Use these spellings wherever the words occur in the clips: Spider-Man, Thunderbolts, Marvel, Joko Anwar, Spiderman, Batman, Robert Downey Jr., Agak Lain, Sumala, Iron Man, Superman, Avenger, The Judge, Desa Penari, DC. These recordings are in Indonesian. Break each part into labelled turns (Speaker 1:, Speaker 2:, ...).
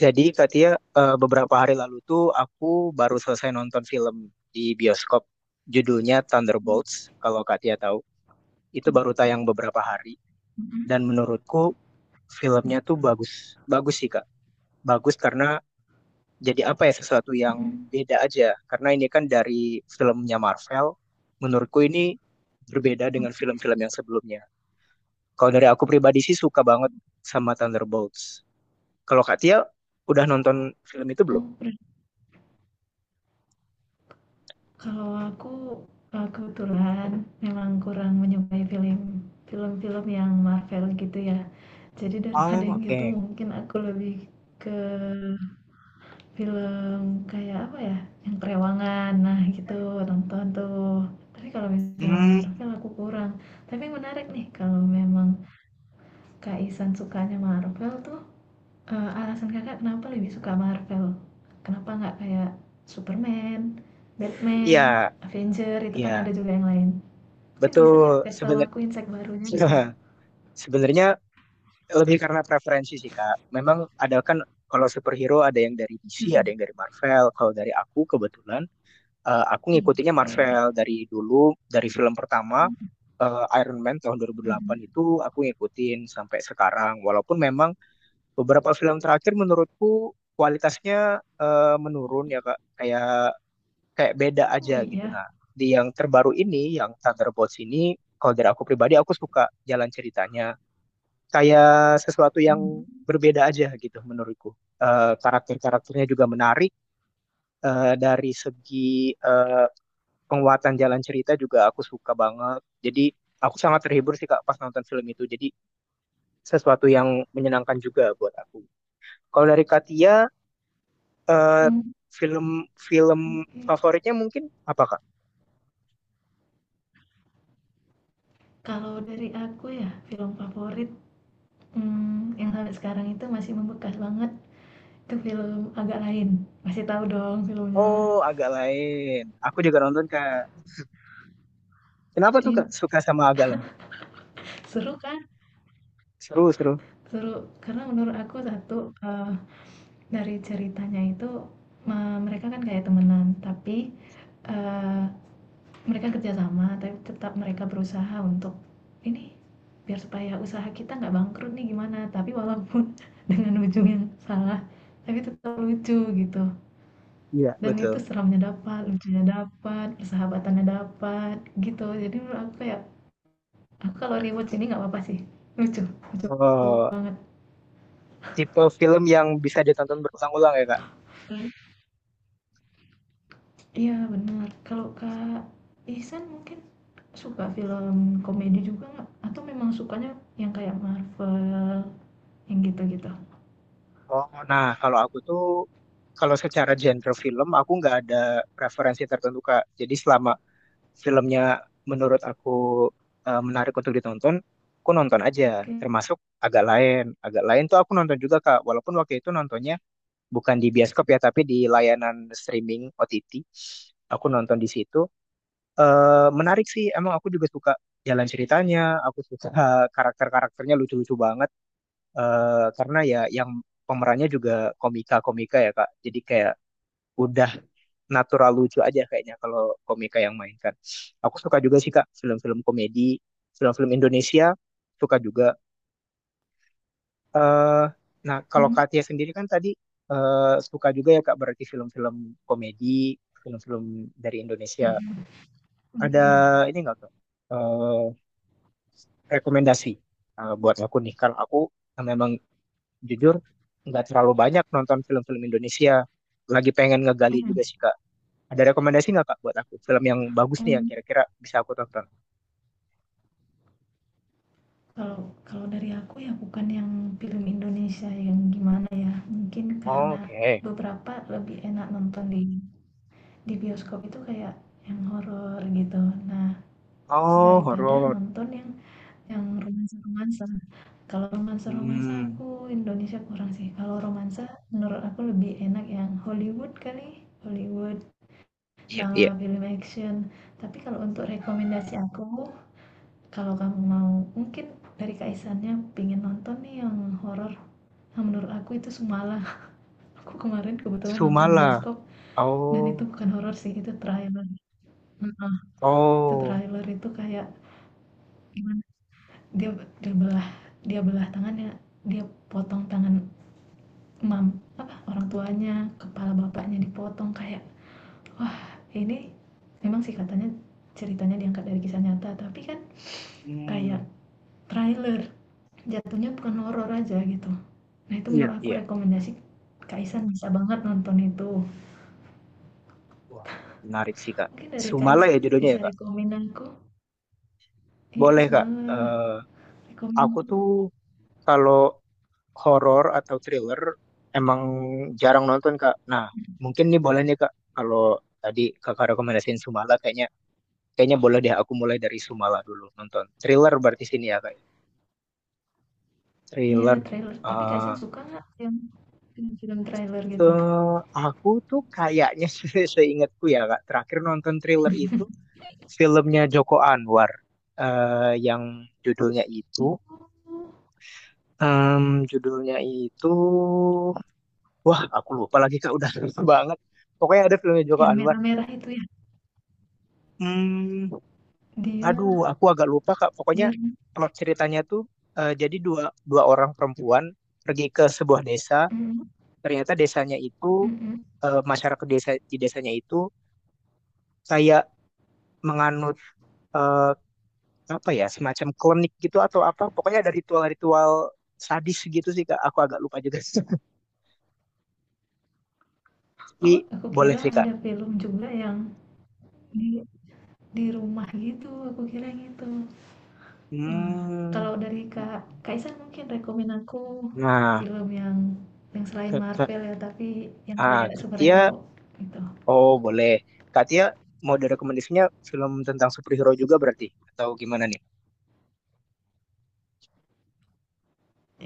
Speaker 1: Jadi Katia, beberapa hari lalu tuh aku baru selesai nonton film di bioskop. Judulnya
Speaker 2: Mhm,
Speaker 1: Thunderbolts, kalau Katia tahu. Itu baru tayang beberapa hari.
Speaker 2: mhm,
Speaker 1: Dan menurutku filmnya tuh bagus. Bagus sih, Kak. Bagus karena jadi apa ya, sesuatu yang
Speaker 2: mhm.
Speaker 1: beda aja. Karena ini kan dari filmnya Marvel. Menurutku ini berbeda dengan film-film yang sebelumnya. Kalau dari aku pribadi sih suka banget sama Thunderbolts. Kalau Katia udah nonton film itu belum?
Speaker 2: Oh, ber kalau aku, kebetulan memang kurang menyukai film-film yang Marvel gitu ya. Jadi daripada
Speaker 1: Oh,
Speaker 2: yang gitu
Speaker 1: oke.
Speaker 2: mungkin aku lebih ke film kayak apa ya, yang kerewangan, nah gitu, nonton tuh. Tapi kalau misalnya
Speaker 1: Hmm,
Speaker 2: Marvel aku kurang. Tapi menarik nih kalau memang Kak Ihsan sukanya Marvel tuh. Alasan Kakak kenapa lebih suka Marvel? Kenapa nggak kayak Superman, Batman,
Speaker 1: ya,
Speaker 2: Avenger, itu kan ada
Speaker 1: ya,
Speaker 2: juga yang lain. Mungkin bisa Kak
Speaker 1: betul.
Speaker 2: kasih tahu aku insight barunya gitu.
Speaker 1: Sebenarnya lebih karena preferensi sih, Kak. Memang ada kan, kalau superhero ada yang dari DC, ada
Speaker 2: Mhm,
Speaker 1: yang dari Marvel. Kalau dari aku kebetulan aku ngikutinnya
Speaker 2: oke.
Speaker 1: Marvel dari dulu, dari film pertama
Speaker 2: Mmm,
Speaker 1: Iron Man tahun 2008
Speaker 2: mhm.
Speaker 1: itu aku ngikutin sampai sekarang. Walaupun memang beberapa film terakhir menurutku kualitasnya menurun ya, Kak. Kayak kayak beda aja
Speaker 2: Oh
Speaker 1: gitu.
Speaker 2: iya?
Speaker 1: Nah, di yang terbaru ini, yang Thunderbolts ini, kalau dari aku pribadi, aku suka jalan ceritanya. Kayak sesuatu yang
Speaker 2: Mhm,
Speaker 1: berbeda aja gitu menurutku. Karakter-karakternya juga menarik. Dari segi eh, penguatan jalan cerita juga aku suka banget. Jadi aku sangat terhibur sih, Kak, pas nonton film itu. Jadi sesuatu yang menyenangkan juga buat aku. Kalau dari Katia, eh,
Speaker 2: mmm,
Speaker 1: film-film
Speaker 2: oke.
Speaker 1: favoritnya mungkin apa, Kak?
Speaker 2: Kalau dari aku ya, film favorit, yang sampai sekarang itu masih membekas banget, itu film Agak Lain. Masih tahu dong filmnya?
Speaker 1: Oh, agak lain. Aku juga nonton, Kak. Kenapa tuh
Speaker 2: Iya.
Speaker 1: Kak suka sama agak lain?
Speaker 2: Seru kan?
Speaker 1: Seru, seru.
Speaker 2: Seru, karena menurut aku satu, eee dari ceritanya itu, mereka kan kayak temenan, tapi, eee, mereka kerjasama tapi tetap mereka berusaha untuk, "Ini biar supaya usaha kita nggak bangkrut nih gimana?" Tapi walaupun dengan ujung yang salah, tapi tetap lucu gitu,
Speaker 1: Iya,
Speaker 2: dan itu
Speaker 1: betul.
Speaker 2: seramnya dapat, lucunya dapat, persahabatannya dapat, gitu. Jadi menurut aku kayak, aku kalau rewatch ini nggak apa-apa sih, lucu lucu.
Speaker 1: Oh, tipe film yang bisa ditonton berulang-ulang ya, Kak.
Speaker 2: Iya benar. Kalau Kak Ihsan mungkin suka film komedi juga nggak? Atau memang sukanya yang kayak Marvel, yang gitu-gitu?
Speaker 1: Oh, nah kalau aku tuh kalau secara genre film aku nggak ada preferensi tertentu, Kak. Jadi selama filmnya menurut aku menarik untuk ditonton, aku nonton aja.
Speaker 2: Oke.
Speaker 1: Termasuk agak lain. Agak lain tuh aku nonton juga, Kak. Walaupun waktu itu nontonnya bukan di bioskop ya, tapi di layanan streaming OTT aku nonton di situ. Eh, menarik sih emang, aku juga suka jalan ceritanya. Aku suka karakter-karakternya lucu-lucu banget. eh karena ya yang pemerannya juga komika-komika ya, Kak, jadi kayak udah natural lucu aja kayaknya kalau komika yang mainkan. Aku suka juga sih, Kak, film-film komedi, film-film Indonesia, suka juga. Eh, nah, kalau
Speaker 2: Mmm,
Speaker 1: Katia sendiri kan tadi eh, suka juga ya, Kak, berarti film-film komedi, film-film dari Indonesia.
Speaker 2: mhm, bener
Speaker 1: Ada
Speaker 2: bener.
Speaker 1: ini nggak, Kak? Eh, Rekomendasi buat aku nih. Karena aku memang jujur nggak terlalu banyak nonton film-film Indonesia. Lagi pengen ngegali
Speaker 2: Mhm.
Speaker 1: juga sih, Kak. Ada rekomendasi nggak, Kak, buat aku? Film yang bagus nih yang
Speaker 2: Mmm,
Speaker 1: kira-kira bisa aku tonton.
Speaker 2: kalau kalau dari aku ya bukan yang film Indonesia yang gimana ya, mungkin karena
Speaker 1: Oke.
Speaker 2: beberapa lebih enak nonton di bioskop itu kayak yang horor gitu. Nah,
Speaker 1: Oh,
Speaker 2: daripada
Speaker 1: horor.
Speaker 2: nonton yang. Yang romansa-romansa? Kalau romansa-romansa
Speaker 1: Hmm.
Speaker 2: aku Indonesia kurang sih, kalau romansa menurut aku lebih enak yang Hollywood kali, Hollywood
Speaker 1: Iya, iya.
Speaker 2: sama film action. Tapi kalau untuk rekomendasi aku, kalau kamu mau mungkin dari Kaisannya pengen nonton nih yang horor, nah menurut aku itu Sumala. Aku kemarin kebetulan nonton di
Speaker 1: Sumala.
Speaker 2: bioskop dan itu
Speaker 1: Oh.
Speaker 2: bukan horor sih, itu trailer. Heeh, itu
Speaker 1: Oh.
Speaker 2: trailer itu kayak gimana, dia dia belah belah tangannya, dia potong tangan Mam apa, orang tuanya, kepala bapaknya dipotong kayak, wah ini memang sih katanya ceritanya diangkat dari kisah nyata, tapi kan kayak
Speaker 1: Hmm,
Speaker 2: trailer, jatuhnya bukan horor aja gitu. Nah itu
Speaker 1: iya,
Speaker 2: menurut aku
Speaker 1: iya.
Speaker 2: rekomendasi Kak Isan bisa banget nonton itu.
Speaker 1: Wah, menarik sih, Kak.
Speaker 2: Mungkin dari Kak
Speaker 1: Sumala ya
Speaker 2: Isan
Speaker 1: judulnya ya,
Speaker 2: bisa
Speaker 1: Kak.
Speaker 2: rekomen aku. Iya
Speaker 1: Boleh, Kak.
Speaker 2: semalah, rekomen
Speaker 1: Aku
Speaker 2: aku.
Speaker 1: tuh kalau horor atau thriller emang jarang nonton, Kak. Nah, mungkin nih boleh nih, Kak. Kalau tadi Kakak rekomendasiin Sumala, kayaknya kayaknya boleh deh aku mulai dari Sumala dulu nonton. Thriller berarti sini ya, Kak.
Speaker 2: Iya
Speaker 1: Thriller.
Speaker 2: trailer, tapi Kak Isan
Speaker 1: Eh,
Speaker 2: suka nggak yang film-film trailer gitu?
Speaker 1: aku tuh kayaknya seingatku ya, Kak. Terakhir nonton thriller itu filmnya Joko Anwar eh, yang judulnya itu
Speaker 2: Oh,
Speaker 1: em, judulnya itu wah aku lupa lagi, Kak, udah lupa banget. Pokoknya ada filmnya Joko
Speaker 2: yang
Speaker 1: Anwar.
Speaker 2: merah-merah itu ya?
Speaker 1: Hmm,
Speaker 2: Dia,
Speaker 1: aduh aku agak lupa, Kak. Pokoknya
Speaker 2: dia,
Speaker 1: plot ceritanya tuh jadi dua dua orang perempuan pergi ke sebuah desa.
Speaker 2: mm,
Speaker 1: Ternyata desanya itu
Speaker 2: mm, mm.
Speaker 1: masyarakat desa di desanya itu kayak menganut eh, apa ya, semacam klinik gitu atau apa. Pokoknya ada ritual-ritual sadis gitu sih, Kak. Aku agak lupa juga, tapi
Speaker 2: Oh, aku
Speaker 1: boleh
Speaker 2: kira
Speaker 1: sih, Kak.
Speaker 2: ada film juga yang di rumah gitu, aku kira gitu. Wah,
Speaker 1: Hmm.
Speaker 2: kalau dari Kak Kaisan mungkin rekomen aku
Speaker 1: Nah,
Speaker 2: film yang selain
Speaker 1: ke, ke,
Speaker 2: Marvel ya, tapi yang
Speaker 1: ah
Speaker 2: kayak superhero
Speaker 1: Katia.
Speaker 2: gitu.
Speaker 1: Oh boleh, Katia mau direkomendasinya film tentang superhero juga, berarti, atau gimana nih?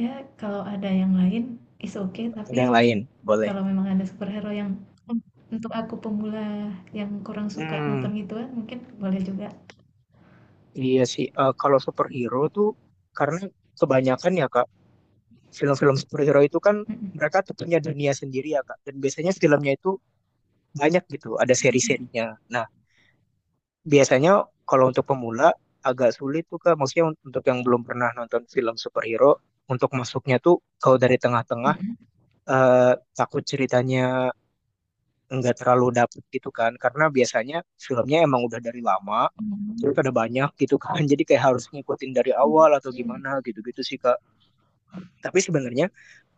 Speaker 2: Ya, kalau ada yang lain is okay, tapi
Speaker 1: Ada yang lain, boleh.
Speaker 2: kalau memang ada superhero yang un- untuk aku pemula yang kurang suka
Speaker 1: Hmm,
Speaker 2: nonton gituan, mungkin boleh juga.
Speaker 1: iya sih. Eh, kalau superhero tuh karena kebanyakan ya, Kak, film-film superhero itu kan
Speaker 2: Mm-mm.
Speaker 1: mereka tuh punya dunia sendiri ya, Kak, dan biasanya filmnya itu banyak gitu, ada
Speaker 2: Mm-mm.
Speaker 1: seri-serinya. Nah, biasanya kalau untuk pemula agak sulit tuh, Kak. Maksudnya untuk yang belum pernah nonton film superhero, untuk masuknya tuh kalau dari tengah-tengah takut ceritanya nggak terlalu dapet gitu kan, karena biasanya filmnya emang udah dari lama, terus
Speaker 2: Mm-mm.
Speaker 1: ada banyak gitu kan, jadi kayak harus ngikutin dari
Speaker 2: Mm-mm.
Speaker 1: awal atau gimana gitu-gitu sih, Kak. Tapi sebenarnya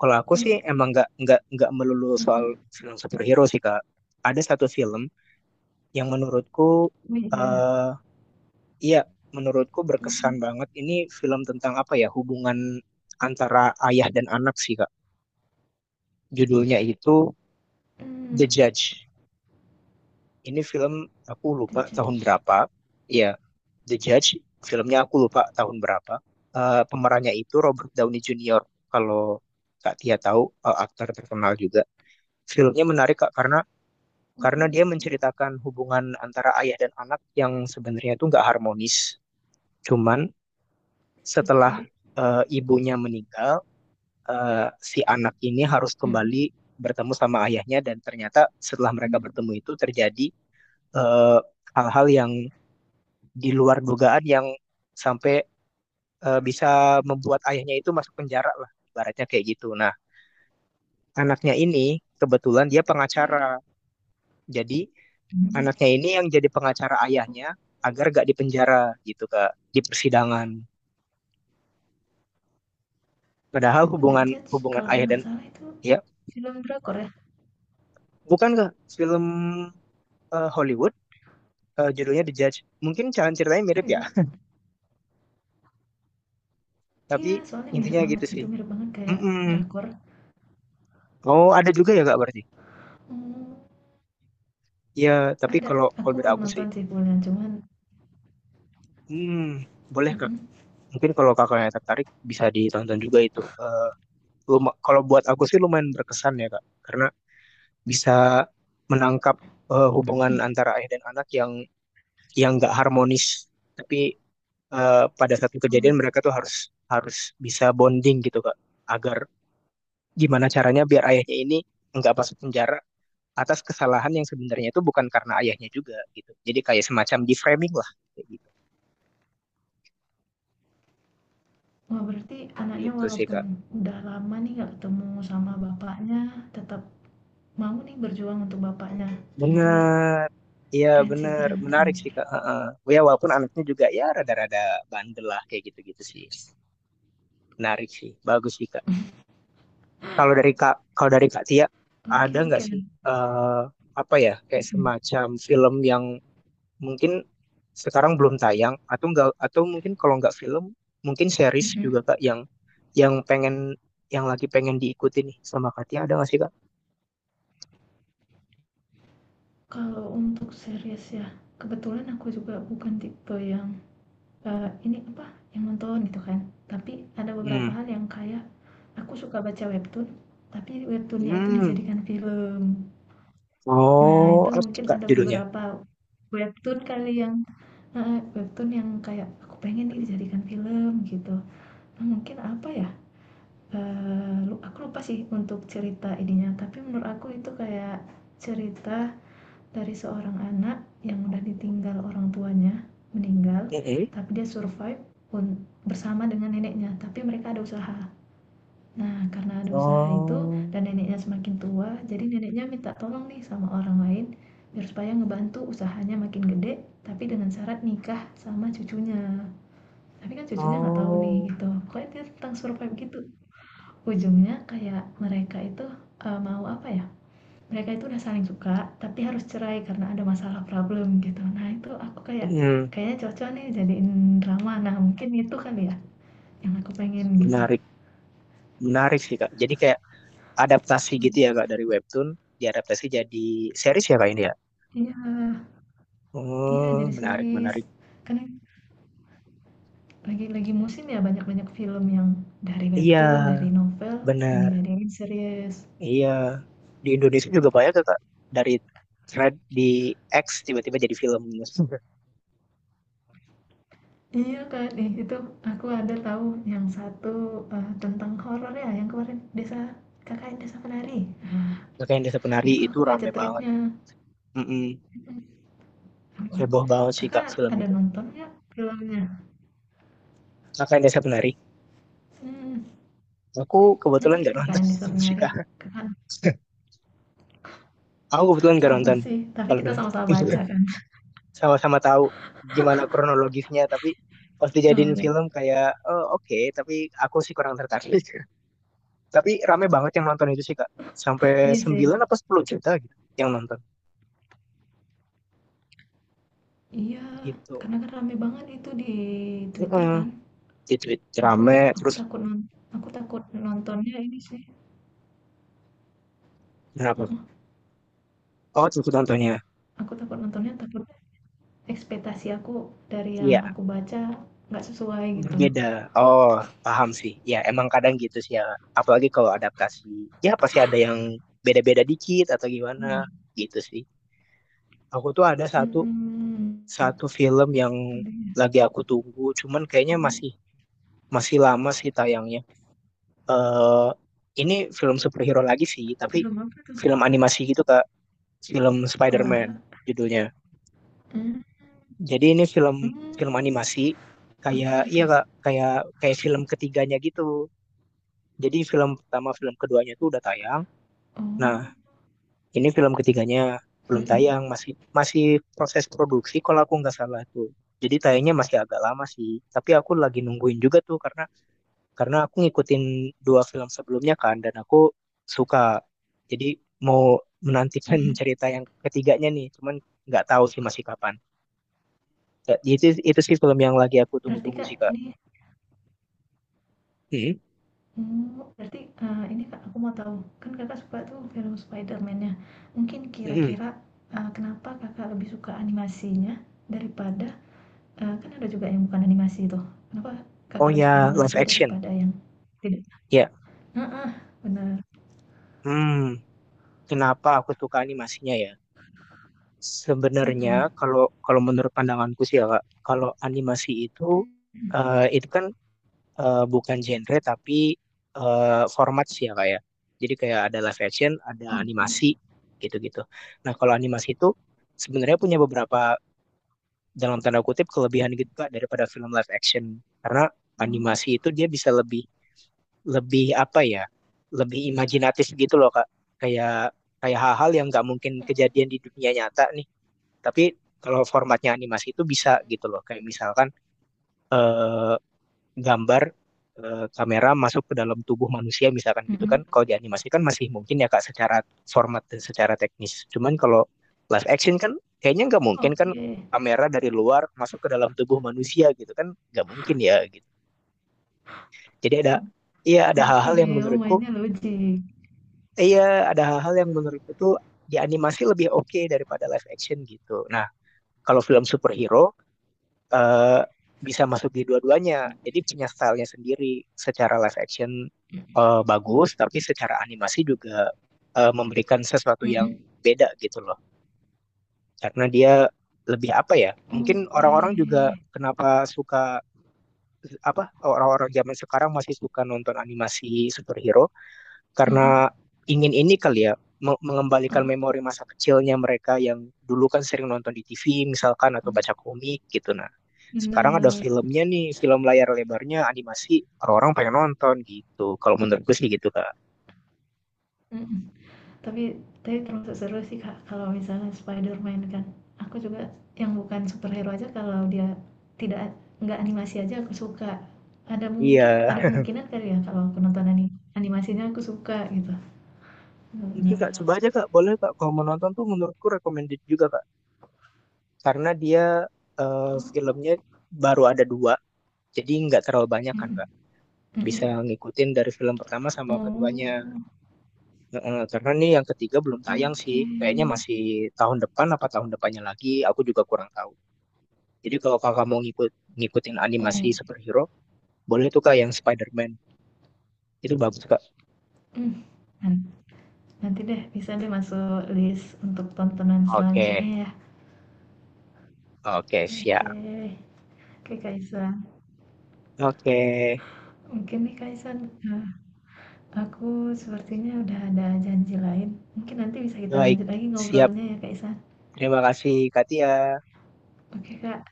Speaker 1: kalau aku sih
Speaker 2: Mm-mm.
Speaker 1: emang nggak melulu soal
Speaker 2: Mm-mm.
Speaker 1: film superhero sih, Kak. Ada satu film yang menurutku
Speaker 2: Iya,
Speaker 1: eh iya menurutku berkesan
Speaker 2: mhm,
Speaker 1: banget. Ini film tentang apa ya, hubungan antara ayah dan anak sih, Kak. Judulnya itu
Speaker 2: mmm,
Speaker 1: The Judge. Ini film aku
Speaker 2: The
Speaker 1: lupa tahun
Speaker 2: Judge.
Speaker 1: berapa. Iya, The Judge, filmnya aku lupa tahun berapa. Eh, pemerannya itu Robert Downey Jr., kalau Kak Tia tahu. Eh, aktor terkenal juga. Filmnya menarik, Kak, karena
Speaker 2: Mmm,
Speaker 1: dia menceritakan hubungan antara ayah dan anak yang sebenarnya itu nggak harmonis. Cuman setelah
Speaker 2: oke.
Speaker 1: ibunya meninggal, eh, si anak ini harus
Speaker 2: Mhm,
Speaker 1: kembali bertemu sama ayahnya. Dan ternyata setelah mereka
Speaker 2: mmm,
Speaker 1: bertemu itu terjadi eh, hal-hal yang di luar dugaan, yang sampai bisa membuat ayahnya itu masuk penjara lah, ibaratnya kayak gitu. Nah, anaknya ini kebetulan dia pengacara,
Speaker 2: oke.
Speaker 1: jadi
Speaker 2: Mhm.
Speaker 1: anaknya ini yang jadi pengacara
Speaker 2: Oh,
Speaker 1: ayahnya agar gak dipenjara gitu, Kak, di persidangan.
Speaker 2: oh,
Speaker 1: Padahal
Speaker 2: itu The
Speaker 1: hubungan
Speaker 2: Judge
Speaker 1: hubungan
Speaker 2: kalau
Speaker 1: ayah
Speaker 2: nggak
Speaker 1: dan,
Speaker 2: salah itu
Speaker 1: ya,
Speaker 2: film drakor ya?
Speaker 1: bukan, Kak, film Hollywood, judulnya The Judge. Mungkin jalan ceritanya mirip ya,
Speaker 2: Hollywood?
Speaker 1: tapi
Speaker 2: Iya, soalnya mirip
Speaker 1: intinya gitu
Speaker 2: banget,
Speaker 1: sih.
Speaker 2: itu mirip banget kayak
Speaker 1: Mm-mm.
Speaker 2: drakor.
Speaker 1: Oh, ada juga ya, Kak, berarti?
Speaker 2: Hmm,
Speaker 1: Ya, tapi
Speaker 2: ada,
Speaker 1: kalau kalau
Speaker 2: aku
Speaker 1: dari
Speaker 2: belum
Speaker 1: aku sih,
Speaker 2: nonton sih full-nya, cuman
Speaker 1: hmm, boleh, Kak.
Speaker 2: mhm,
Speaker 1: Mungkin kalau kakaknya tertarik, bisa ditonton juga itu. Eh, kalau buat aku sih lumayan berkesan ya, Kak, karena bisa menangkap hubungan
Speaker 2: mhm,
Speaker 1: antara ayah dan anak yang nggak harmonis. Tapi pada satu kejadian
Speaker 2: oh.
Speaker 1: mereka tuh harus harus bisa bonding gitu, Kak, agar gimana caranya biar ayahnya ini nggak masuk penjara atas kesalahan yang sebenarnya itu bukan karena ayahnya juga gitu. Jadi kayak semacam deframing lah kayak gitu.
Speaker 2: Wah, berarti anaknya
Speaker 1: Gitu sih,
Speaker 2: walaupun
Speaker 1: Kak.
Speaker 2: udah lama nih nggak ketemu sama bapaknya, tetap mau nih berjuang untuk bapaknya, gitu ya?
Speaker 1: Bener. Iya
Speaker 2: Keren sih,
Speaker 1: bener,
Speaker 2: keren keren.
Speaker 1: menarik sih, Kak. Heeh. Ya walaupun anaknya juga ya rada-rada bandel lah kayak gitu-gitu sih. Menarik sih, bagus sih, Kak. Kalau dari Kak, kalau dari Kak Tia,
Speaker 2: Oke
Speaker 1: ada nggak
Speaker 2: oke,
Speaker 1: sih eh apa ya kayak
Speaker 2: mhm
Speaker 1: semacam film yang mungkin sekarang belum tayang atau enggak, atau mungkin kalau nggak film, mungkin series juga,
Speaker 2: mhm.
Speaker 1: Kak, yang pengen yang lagi pengen diikuti nih sama Katia, ada nggak sih, Kak?
Speaker 2: Kalau untuk series ya, kebetulan aku juga bukan tipe yang, ini apa, yang nonton gitu kan. Tapi ada beberapa
Speaker 1: Hmm.
Speaker 2: hal yang kayak aku suka baca webtoon, tapi webtoon itu
Speaker 1: Hmm.
Speaker 2: dijadikan film. Nah,
Speaker 1: Oh,
Speaker 2: itu
Speaker 1: apa tuh,
Speaker 2: mungkin
Speaker 1: Kak,
Speaker 2: ada
Speaker 1: judulnya?
Speaker 2: beberapa webtoon kali yang heeh, webtoon yang kayak, "Aku pengen nih dijadikan film," gitu. Nah, mungkin apa ya, eee, lu aku lupa sih untuk cerita ininya, tapi menurut aku itu kayak cerita dari seorang anak yang udah ditinggal orang tuanya meninggal
Speaker 1: Mm-mm.
Speaker 2: tapi dia survive un- bersama dengan neneknya tapi mereka ada usaha. Nah karena ada usaha itu
Speaker 1: Oh,
Speaker 2: dan neneknya semakin tua jadi neneknya minta tolong nih sama orang lain biar supaya ngebantu usahanya makin gede tapi dengan syarat nikah sama cucunya, tapi kan cucunya nggak tahu nih
Speaker 1: oh,
Speaker 2: gitu pokoknya dia tentang survive gitu. Ujungnya kayak mereka itu mau apa ya, mereka itu udah saling suka, tapi harus cerai karena ada masalah problem gitu. Nah itu aku kayak,
Speaker 1: Hmm.
Speaker 2: kayaknya cocok nih jadiin drama. Nah mungkin itu kan ya yang aku pengen gitu.
Speaker 1: Menarik, menarik sih, Kak. Jadi kayak adaptasi
Speaker 2: Hmm,
Speaker 1: gitu ya, Kak, dari webtoon diadaptasi jadi series ya, Kak, ini ya.
Speaker 2: iya, iya
Speaker 1: Oh,
Speaker 2: jadi
Speaker 1: menarik,
Speaker 2: series.
Speaker 1: menarik.
Speaker 2: Kan lagi musim ya banyak-banyak film yang dari
Speaker 1: Iya,
Speaker 2: webtoon, dari novel yang
Speaker 1: benar.
Speaker 2: dijadiin series.
Speaker 1: Iya, di Indonesia juga banyak tuh, Kak. Dari thread di X tiba-tiba jadi film.
Speaker 2: Iya kan, ih, itu aku ada tahu yang satu tentang horor ya yang kemarin desa kakak desa penari. Nah,
Speaker 1: Kakak yang Desa Penari
Speaker 2: itu
Speaker 1: itu
Speaker 2: aku baca
Speaker 1: rame banget.
Speaker 2: tweetnya.
Speaker 1: Mm-mm.
Speaker 2: Emang.
Speaker 1: Heboh banget sih, Kak,
Speaker 2: Kakak
Speaker 1: film
Speaker 2: ada
Speaker 1: itu.
Speaker 2: nonton nggak filmnya?
Speaker 1: Kakak yang Desa Penari.
Speaker 2: Mmm,
Speaker 1: Aku kebetulan
Speaker 2: mhm,
Speaker 1: nggak
Speaker 2: Kakak
Speaker 1: nonton
Speaker 2: Andi
Speaker 1: sih,
Speaker 2: Surnari.
Speaker 1: Kak.
Speaker 2: Kakak
Speaker 1: Aku kebetulan nggak
Speaker 2: sama
Speaker 1: nonton.
Speaker 2: sih, tapi
Speaker 1: Kalau
Speaker 2: kita
Speaker 1: benar.
Speaker 2: sama-sama baca kan.
Speaker 1: Sama-sama tahu gimana kronologisnya, tapi pas dijadiin
Speaker 2: Heeh.
Speaker 1: film kayak, "Oh, oke, tapi aku sih kurang tertarik." Tapi rame banget yang nonton itu sih, Kak. Sampai
Speaker 2: Iya sih.
Speaker 1: 9 apa 10 juta gitu yang nonton
Speaker 2: Iya,
Speaker 1: gitu.
Speaker 2: karena kan rame banget itu di Twitter
Speaker 1: Heeh.
Speaker 2: kan.
Speaker 1: Di Twitter
Speaker 2: Aku
Speaker 1: rame
Speaker 2: aku
Speaker 1: terus
Speaker 2: takut non aku takut nontonnya ini sih,
Speaker 1: berapa?
Speaker 2: heeh,
Speaker 1: Oh, ikut contohnya?
Speaker 2: aku takut nontonnya takut ekspektasi aku dari yang
Speaker 1: Iya,
Speaker 2: aku baca nggak sesuai gitu.
Speaker 1: berbeda. Oh, paham sih. Ya, emang kadang gitu sih ya. Apalagi kalau adaptasi. Ya, pasti ada yang beda-beda dikit atau gimana gitu sih. Aku tuh ada satu
Speaker 2: Mhm.
Speaker 1: satu film yang
Speaker 2: Mhm.
Speaker 1: lagi aku tunggu, cuman kayaknya masih masih lama sih tayangnya. Eh, ini film superhero lagi sih, tapi
Speaker 2: Film apa tuh?
Speaker 1: film animasi gitu, Kak. Film
Speaker 2: Wah,
Speaker 1: Spider-Man judulnya.
Speaker 2: mmm.
Speaker 1: Jadi ini film film
Speaker 2: Hmm,
Speaker 1: animasi,
Speaker 2: oke
Speaker 1: kayak
Speaker 2: oke.
Speaker 1: iya, Kak, kayak kayak film ketiganya gitu. Jadi film pertama film keduanya tuh udah tayang. Nah,
Speaker 2: Oh,
Speaker 1: ini film ketiganya belum
Speaker 2: mhm
Speaker 1: tayang, masih masih proses produksi kalau aku nggak salah tuh. Jadi tayangnya masih agak lama sih. Tapi aku lagi nungguin juga tuh karena aku ngikutin dua film sebelumnya kan, dan aku suka. Jadi mau menantikan
Speaker 2: mhm.
Speaker 1: cerita yang ketiganya nih. Cuman nggak tahu sih masih kapan. Ya, itu sih film yang lagi aku
Speaker 2: Berarti
Speaker 1: tunggu-tunggu
Speaker 2: Kak
Speaker 1: sih, Kak.
Speaker 2: ini
Speaker 1: Mhm,
Speaker 2: oh, berarti, ini Kak aku mau tahu, kan Kakak suka tuh film Spiderman nya mungkin
Speaker 1: mhm.
Speaker 2: kira-kira, kenapa Kakak lebih suka animasinya daripada eee, kan ada juga yang bukan animasi tuh, kenapa
Speaker 1: Oh
Speaker 2: Kakak lebih suka
Speaker 1: ya, live
Speaker 2: animasi
Speaker 1: action.
Speaker 2: daripada yang tidak
Speaker 1: Ya.
Speaker 2: heeh, bener,
Speaker 1: Hmm, kenapa aku suka animasinya ya?
Speaker 2: mhm,
Speaker 1: Sebenarnya kalau kalau menurut pandanganku sih ya, Kak, kalau animasi itu
Speaker 2: mhm,
Speaker 1: eh, itu kan bukan genre, tapi format sih ya, Kak ya. Jadi kayak ada live action, ada
Speaker 2: oke,
Speaker 1: animasi gitu-gitu. Nah, kalau animasi itu sebenarnya punya beberapa dalam tanda kutip kelebihan gitu, Kak, daripada film live action, karena
Speaker 2: oh,
Speaker 1: animasi itu dia bisa lebih lebih apa ya lebih imajinatif gitu loh, Kak, kayak kayak hal-hal yang nggak mungkin kejadian di dunia nyata nih, tapi kalau formatnya animasi itu bisa gitu loh, kayak misalkan eh, gambar kamera masuk ke dalam tubuh manusia misalkan gitu
Speaker 2: mhm,
Speaker 1: kan. Kalau di animasi kan masih mungkin ya, Kak, secara format dan secara teknis. Cuman kalau live action kan kayaknya nggak mungkin kan,
Speaker 2: oke
Speaker 1: kamera dari luar masuk ke dalam tubuh manusia gitu kan, nggak mungkin ya gitu. Jadi ada Iya ada
Speaker 2: oke,
Speaker 1: hal-hal yang
Speaker 2: oh
Speaker 1: menurutku
Speaker 2: mainnya logik,
Speaker 1: Iya, ada hal-hal yang menurutku tuh di animasi lebih oke daripada live action gitu. Nah, kalau film superhero eh, bisa masuk di dua-duanya. Jadi punya stylenya sendiri. Secara live action
Speaker 2: mhm
Speaker 1: bagus, tapi secara animasi juga memberikan sesuatu yang
Speaker 2: mhm.
Speaker 1: beda gitu loh. Karena dia lebih apa ya? Mungkin
Speaker 2: Oke,
Speaker 1: orang-orang juga
Speaker 2: mhm,
Speaker 1: kenapa suka orang-orang zaman sekarang masih suka nonton animasi superhero karena ingin ini kali ya mengembalikan
Speaker 2: heeh,
Speaker 1: memori masa kecilnya mereka yang dulu kan sering nonton di TV misalkan, atau baca komik gitu. Nah, sekarang ada
Speaker 2: bener,
Speaker 1: filmnya nih, film layar lebarnya animasi, orang-orang pengen nonton gitu, kalau menurut gue sih gitu, Kak.
Speaker 2: mhm, tapi tapi termasuk seru sih Kak, kalau misalnya Spiderman kan, aku juga yang bukan superhero aja kalau dia tidak nggak animasi aja aku suka. Ada mungkin ada
Speaker 1: Iya,
Speaker 2: kemungkinan kali ya kalau aku nonton ani animasinya aku suka gitu,
Speaker 1: mungkin Kak
Speaker 2: bener.
Speaker 1: coba aja, Kak, boleh, Kak, kalau mau nonton tuh menurutku recommended juga, Kak, karena dia
Speaker 2: Oh,
Speaker 1: filmnya baru ada dua, jadi nggak terlalu banyak kan,
Speaker 2: mhm,
Speaker 1: Kak. Bisa
Speaker 2: mhm,
Speaker 1: ngikutin dari film pertama sama keduanya.
Speaker 2: oh,
Speaker 1: Heeh, karena nih yang ketiga belum tayang sih.
Speaker 2: oke,
Speaker 1: Kayaknya masih tahun depan apa tahun depannya lagi, aku juga kurang tahu. Jadi kalau kakak mau ngikutin animasi
Speaker 2: oh,
Speaker 1: superhero, boleh tuh, Kak, yang Spider-Man. Itu bagus, Kak.
Speaker 2: mmm, nan nanti deh bisa deh masuk list untuk tontonan selanjutnya
Speaker 1: Oke,
Speaker 2: ya.
Speaker 1: oke siap.
Speaker 2: Oke. Oke, Kak,
Speaker 1: Oke,
Speaker 2: mungkin nih, Kak Islan, aku sepertinya udah ada janji lain. Mungkin nanti bisa kita
Speaker 1: baik,
Speaker 2: lanjut lagi
Speaker 1: siap.
Speaker 2: ngobrolnya ya, Kak.
Speaker 1: Terima kasih, Katia.
Speaker 2: Oke, Kak.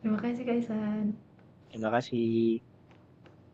Speaker 2: Terima kasih, Kak.
Speaker 1: Terima kasih.